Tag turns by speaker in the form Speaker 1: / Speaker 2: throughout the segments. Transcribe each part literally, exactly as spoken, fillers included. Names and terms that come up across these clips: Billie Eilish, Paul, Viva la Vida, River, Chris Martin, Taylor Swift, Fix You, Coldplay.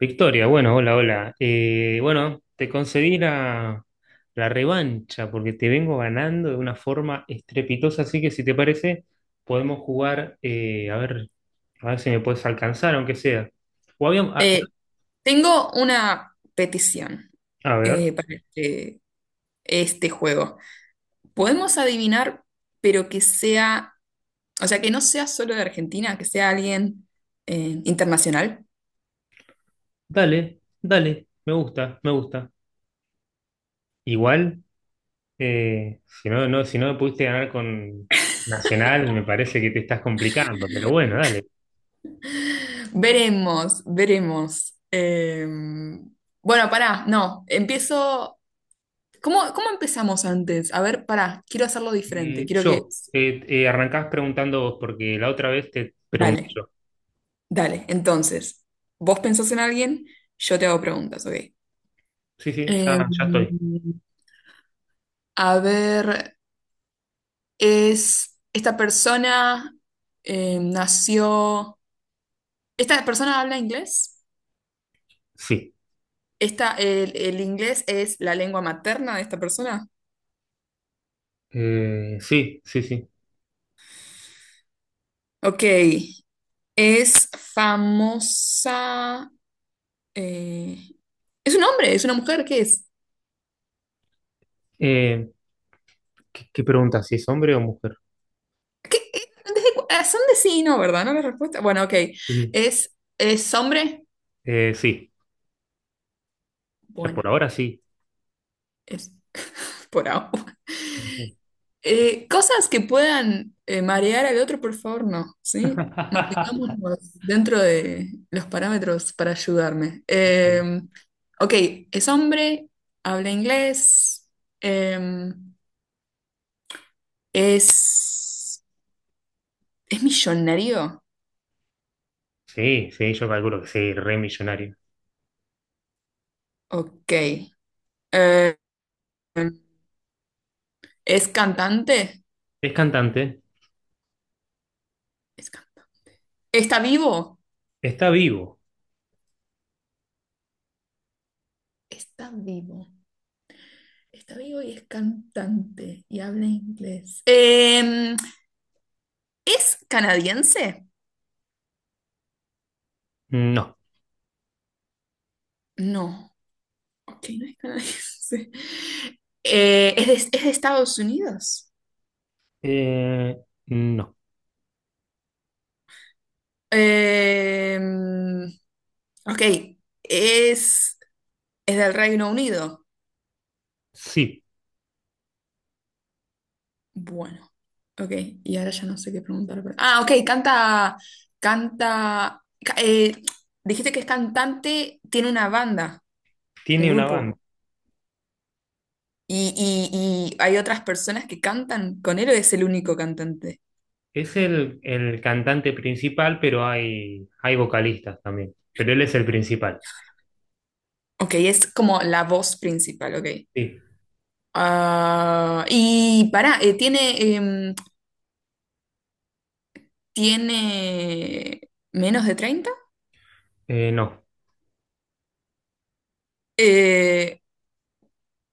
Speaker 1: Victoria, bueno, hola, hola. Eh, bueno, te concedí la, la revancha porque te vengo ganando de una forma estrepitosa, así que si te parece, podemos jugar, eh, a ver, a ver si me puedes alcanzar, aunque sea. O habíamos- a,
Speaker 2: Eh, Tengo una petición
Speaker 1: a ver,
Speaker 2: eh, para este, este juego. Podemos adivinar, pero que sea, o sea, que no sea solo de Argentina, que sea alguien eh, internacional.
Speaker 1: dale, dale, me gusta, me gusta. Igual, eh, si no, no, si no me pudiste ganar con Nacional, me parece que te estás complicando, pero bueno, dale.
Speaker 2: Veremos, veremos. Eh, bueno, pará, no, empiezo. ¿Cómo, cómo empezamos antes? A ver, pará, quiero hacerlo diferente.
Speaker 1: Eh,
Speaker 2: Quiero que.
Speaker 1: yo, eh, eh, arrancás preguntando vos, porque la otra vez te pregunté
Speaker 2: Dale,
Speaker 1: yo.
Speaker 2: dale. Entonces, vos pensás en alguien, yo te hago preguntas, ¿ok?
Speaker 1: Sí, sí,
Speaker 2: Eh,
Speaker 1: ya, ya estoy.
Speaker 2: A ver, es esta persona eh, nació. ¿Esta persona habla inglés?
Speaker 1: Sí.
Speaker 2: Esta, el, el inglés es la lengua materna de esta persona?
Speaker 1: Eh, sí, sí, sí.
Speaker 2: Ok. Es famosa. eh, ¿Es un hombre? ¿Es una mujer? ¿Qué es?
Speaker 1: Eh, ¿Qué, qué pregunta? ¿Si es hombre o mujer?
Speaker 2: ¿Qué- qué- desde cu- ah, ¿Son de sí y no, ¿verdad? ¿No la respuesta? Bueno, ok.
Speaker 1: Ujú.
Speaker 2: ¿Es, es hombre?
Speaker 1: Eh, sí, ya por
Speaker 2: Bueno,
Speaker 1: ahora sí.
Speaker 2: es por ahora.
Speaker 1: Ujú.
Speaker 2: Eh, cosas que puedan eh, marear al otro, por favor, no, ¿sí? Mantengámonos dentro de los parámetros para ayudarme.
Speaker 1: Sí,
Speaker 2: Eh, ok, es hombre, habla inglés, eh, es, es millonario,
Speaker 1: sí, sí, yo calculo que sí, re millonario.
Speaker 2: ok. Eh, es cantante,
Speaker 1: ¿Es cantante?
Speaker 2: es cantante. ¿Está vivo?
Speaker 1: ¿Está vivo?
Speaker 2: Está vivo. Está vivo y es cantante y habla inglés. Eh, ¿es canadiense?
Speaker 1: No.
Speaker 2: No, ok, no es canadiense. Eh, es de, es de Estados Unidos.
Speaker 1: Eh, no.
Speaker 2: Eh, ok, es, es del Reino Unido.
Speaker 1: Sí,
Speaker 2: Bueno, ok, y ahora ya no sé qué preguntar. pero- Ah, ok, canta, canta, ca- eh, dijiste que es cantante, tiene una banda, un
Speaker 1: tiene una banda.
Speaker 2: grupo, y, y- y hay otras personas que cantan con él o es el único cantante.
Speaker 1: Es el, el cantante principal, pero hay, hay vocalistas también. Pero él es el principal.
Speaker 2: Ok, es como la voz principal, ok.
Speaker 1: Sí.
Speaker 2: Ah, y pará, eh, ¿tiene, em, ¿tiene menos de treinta?
Speaker 1: Eh, no.
Speaker 2: Eh,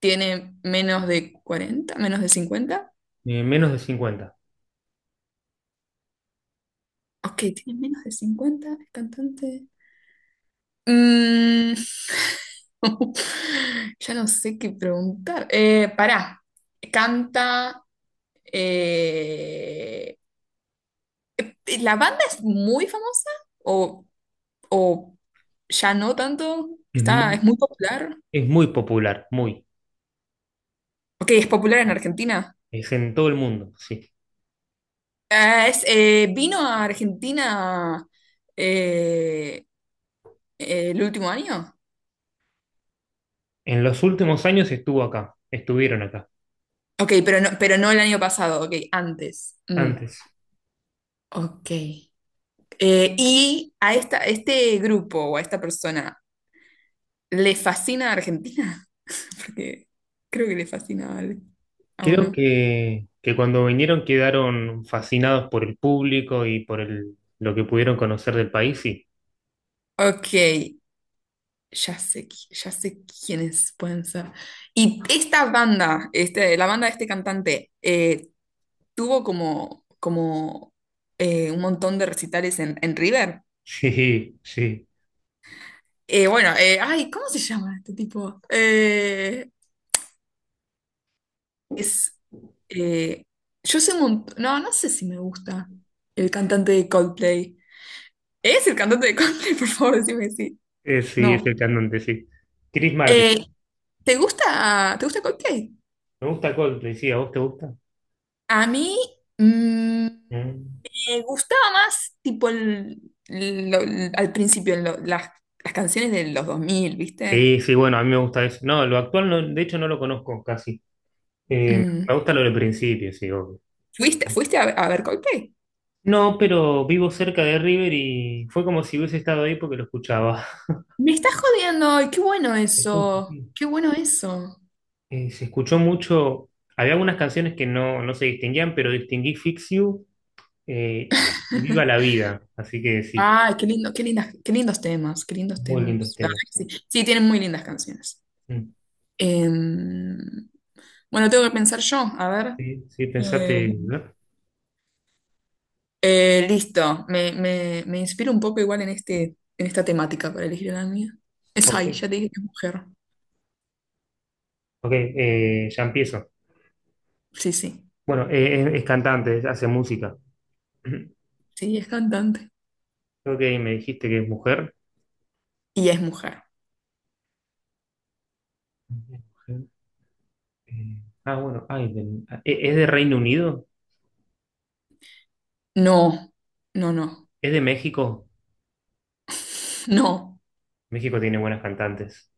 Speaker 2: ¿Tiene menos de cuarenta? ¿Menos de cincuenta?
Speaker 1: Eh, menos de cincuenta.
Speaker 2: Ok, tiene menos de cincuenta el cantante. Mm, ya no sé qué preguntar. Eh, pará, canta... eh, ¿la banda es muy famosa? ¿O, o ya no tanto?
Speaker 1: Es
Speaker 2: ¿Está, es
Speaker 1: muy,
Speaker 2: muy popular?
Speaker 1: Es muy popular, muy.
Speaker 2: Ok, es popular en Argentina.
Speaker 1: Es en todo el mundo, sí.
Speaker 2: Ah, es, eh, ¿vino a Argentina eh, eh, el último año?
Speaker 1: En los últimos años estuvo acá, estuvieron acá,
Speaker 2: Ok, pero no, pero no el año pasado, ok, antes. Mm,
Speaker 1: antes.
Speaker 2: ok. Eh, ¿y a esta, este grupo o a esta persona le fascina Argentina? Porque creo que le fascina a, al- a
Speaker 1: Creo
Speaker 2: uno.
Speaker 1: que, que cuando vinieron quedaron fascinados por el público y por el, lo que pudieron conocer del país, sí.
Speaker 2: Ok, ya sé, qui- ya sé quiénes pueden ser. ¿Y esta banda, este, la banda de este cantante, eh, tuvo como, como eh, un montón de recitales en, en River.
Speaker 1: Sí, sí.
Speaker 2: Eh, bueno, eh, ay, ¿cómo se llama este tipo? Eh, es, eh, yo sé un montón, no, no sé si me gusta el cantante de Coldplay. ¿Es el cantante de Coldplay? Por favor, decime sí.
Speaker 1: Eh, sí, es el
Speaker 2: No.
Speaker 1: cantante, sí. Chris Martin.
Speaker 2: Eh, ¿te gusta, te gusta Coldplay?
Speaker 1: Me gusta Coldplay, sí. ¿A vos te gusta?
Speaker 2: A mí mm,
Speaker 1: Mm.
Speaker 2: me gustaba más, tipo, el- lo- al principio, lo- las, las canciones de los dos mil, ¿viste?
Speaker 1: Sí, sí, bueno, a mí me gusta eso. No, lo actual, no, de hecho, no lo conozco casi. Eh,
Speaker 2: Mm.
Speaker 1: Me gusta lo del principio, sí, obvio.
Speaker 2: ¿Fuiste, fuiste a, a ver Coldplay?
Speaker 1: No, pero vivo cerca de River y fue como si hubiese estado ahí porque lo escuchaba.
Speaker 2: Me estás jodiendo, ay, qué bueno eso, qué bueno eso.
Speaker 1: Eh, se escuchó mucho. Había algunas canciones que no, no se distinguían, pero distinguí Fix You eh, y Viva la Vida. Así que sí,
Speaker 2: Ay, qué lindo, qué lindas, qué lindos temas, qué lindos
Speaker 1: muy lindos
Speaker 2: temas. La
Speaker 1: temas.
Speaker 2: verdad que sí, sí, tienen muy lindas canciones.
Speaker 1: Mm,
Speaker 2: Em, bueno, tengo que pensar yo, a ver.
Speaker 1: sí, sí,
Speaker 2: Eh,
Speaker 1: pensate, ¿no?
Speaker 2: eh, Listo, me, me, me inspiro un poco igual en este, en esta temática para elegir la mía. Es
Speaker 1: Ok,
Speaker 2: ahí, ya te dije que es mujer.
Speaker 1: ok, eh, ya empiezo.
Speaker 2: Sí, sí,
Speaker 1: Bueno, eh, es, es cantante, hace música. Creo
Speaker 2: sí, es cantante.
Speaker 1: que me dijiste que es mujer.
Speaker 2: Y es mujer.
Speaker 1: Mujer, eh, ah, bueno, ay, de- eh, ¿es de Reino Unido?
Speaker 2: No, no, no,
Speaker 1: ¿Es de México?
Speaker 2: no.
Speaker 1: México tiene buenas cantantes.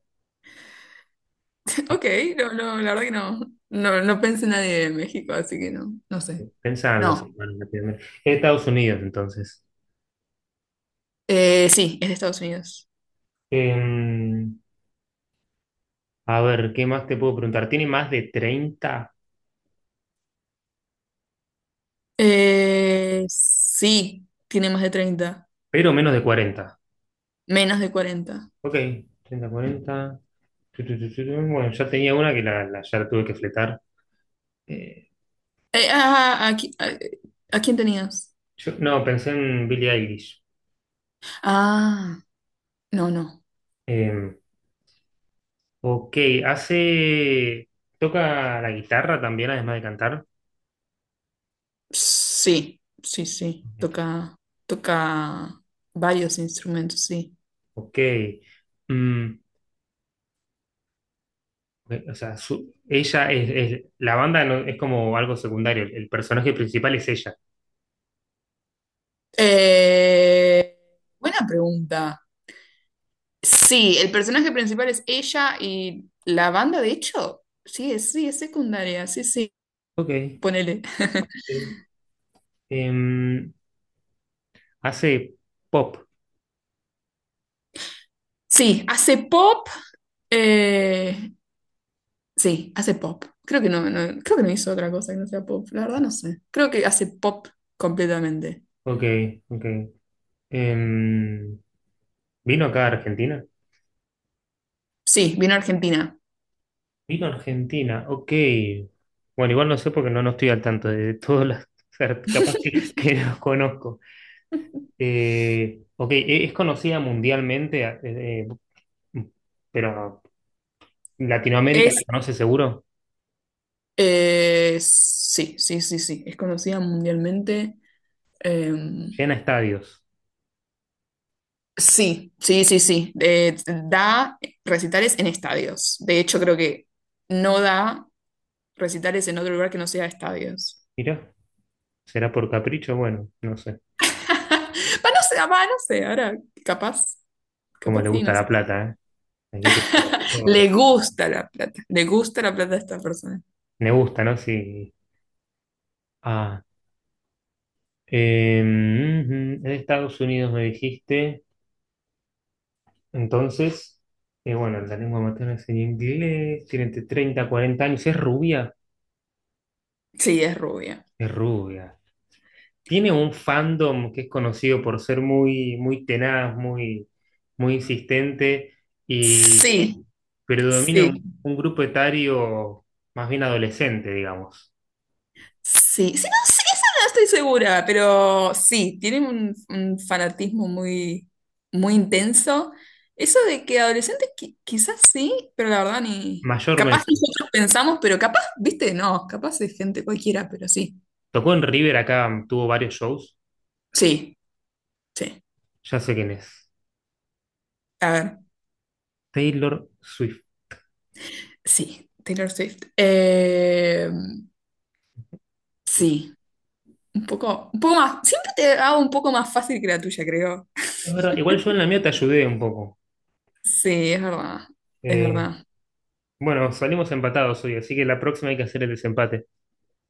Speaker 1: Eh,
Speaker 2: Ok, no, no, la verdad que no. No, no pensé en nadie de México, así que no, no sé.
Speaker 1: eh, Pensaban los
Speaker 2: No.
Speaker 1: hermanos latinoamericanos. Es Estados Unidos, entonces.
Speaker 2: Eh, sí, es de Estados Unidos.
Speaker 1: Eh, a ver, ¿qué más te puedo preguntar? Tiene más de treinta,
Speaker 2: Eh, sí, tiene más de treinta,
Speaker 1: pero menos de cuarenta.
Speaker 2: menos de cuarenta.
Speaker 1: Ok, treinta cuarenta. Tu, tu, tu, tu, tu. Bueno, ya tenía una que la, la- ya la tuve que fletar. Eh,
Speaker 2: Eh, ah, aquí- ah, eh, ¿A quién tenías?
Speaker 1: yo, no, pensé en Billie Eilish.
Speaker 2: Ah, no, no.
Speaker 1: Eh, ok, hace. ¿Toca la guitarra también, además de cantar?
Speaker 2: Sí, sí, sí. Toca, toca, varios instrumentos, sí.
Speaker 1: Ok. Mm, o sea, su- ella es, es- la banda no- es como algo secundario, el, el personaje principal es ella.
Speaker 2: Eh, Buena pregunta. Sí, el personaje principal es ella y la banda, de hecho, sí, es, sí, es secundaria, sí, sí,
Speaker 1: Ok.
Speaker 2: ponele.
Speaker 1: Sí. Em, hace pop.
Speaker 2: Sí, hace pop, eh, sí, hace pop. Creo que no, no- creo que no hizo otra cosa que no sea pop, la verdad no sé. Creo que hace pop completamente.
Speaker 1: Ok, ok. Em, ¿vino acá a Argentina?
Speaker 2: Sí, vino a Argentina.
Speaker 1: Vino a Argentina, ok. Bueno, igual no sé porque no, no estoy al tanto de todas las... o capaz que, que no los conozco. Eh, ok, e- es conocida mundialmente, eh, eh, pero Latinoamérica la
Speaker 2: Es,
Speaker 1: conoce seguro.
Speaker 2: eh, sí, sí, sí, sí, es conocida mundialmente. Eh,
Speaker 1: Llena estadios.
Speaker 2: sí, sí, sí, sí. Eh, da recitales en estadios. De hecho, creo que no da recitales en otro lugar que no sea estadios.
Speaker 1: Mirá. ¿Será por capricho? Bueno, no sé.
Speaker 2: Va, no sé, va, no sé, ahora capaz,
Speaker 1: Como
Speaker 2: capaz
Speaker 1: le
Speaker 2: sí,
Speaker 1: gusta
Speaker 2: no sé.
Speaker 1: la plata, ¿eh? La quiere todo. No,
Speaker 2: Le gusta la plata, le gusta la plata a esta persona.
Speaker 1: me gusta, ¿no? Sí. Ah, em, ujú, en Estados Unidos me dijiste. Entonces, eh, bueno, la lengua materna es en inglés. Tiene entre treinta y cuarenta años. Es rubia.
Speaker 2: Sí, es rubia.
Speaker 1: Es rubia. Tiene un fandom que es conocido por ser muy, muy tenaz, muy, muy insistente y
Speaker 2: Sí,
Speaker 1: predomina
Speaker 2: sí,
Speaker 1: un, un grupo etario más bien adolescente, digamos.
Speaker 2: sí, sí, no, sí, esa no estoy segura, pero sí, tienen un, un fanatismo muy, muy intenso. Eso de que adolescentes qui- quizás sí, pero la verdad ni... Capaz
Speaker 1: Mayormente.
Speaker 2: nosotros pensamos, pero capaz, viste, no, capaz es gente cualquiera, pero sí,
Speaker 1: Tocó en River acá, tuvo varios shows.
Speaker 2: sí, sí.
Speaker 1: Ya sé quién es.
Speaker 2: A ver.
Speaker 1: Taylor Swift.
Speaker 2: Sí, Taylor Swift. Eh,
Speaker 1: Sí,
Speaker 2: sí, un poco, un poco más. Siempre te hago un poco más fácil que la tuya, creo.
Speaker 1: es verdad. Igual yo en la mía te ayudé un poco.
Speaker 2: Sí, es verdad, es
Speaker 1: Eh,
Speaker 2: verdad.
Speaker 1: bueno, salimos empatados hoy, así que la próxima hay que hacer el desempate.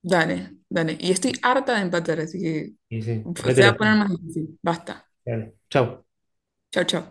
Speaker 2: Dale, dale. Y estoy harta de empatar, así que
Speaker 1: Y sí, ponete
Speaker 2: se va a
Speaker 1: las
Speaker 2: poner
Speaker 1: pilas.
Speaker 2: más difícil. Basta.
Speaker 1: Dale. Chau.
Speaker 2: Chao, chao.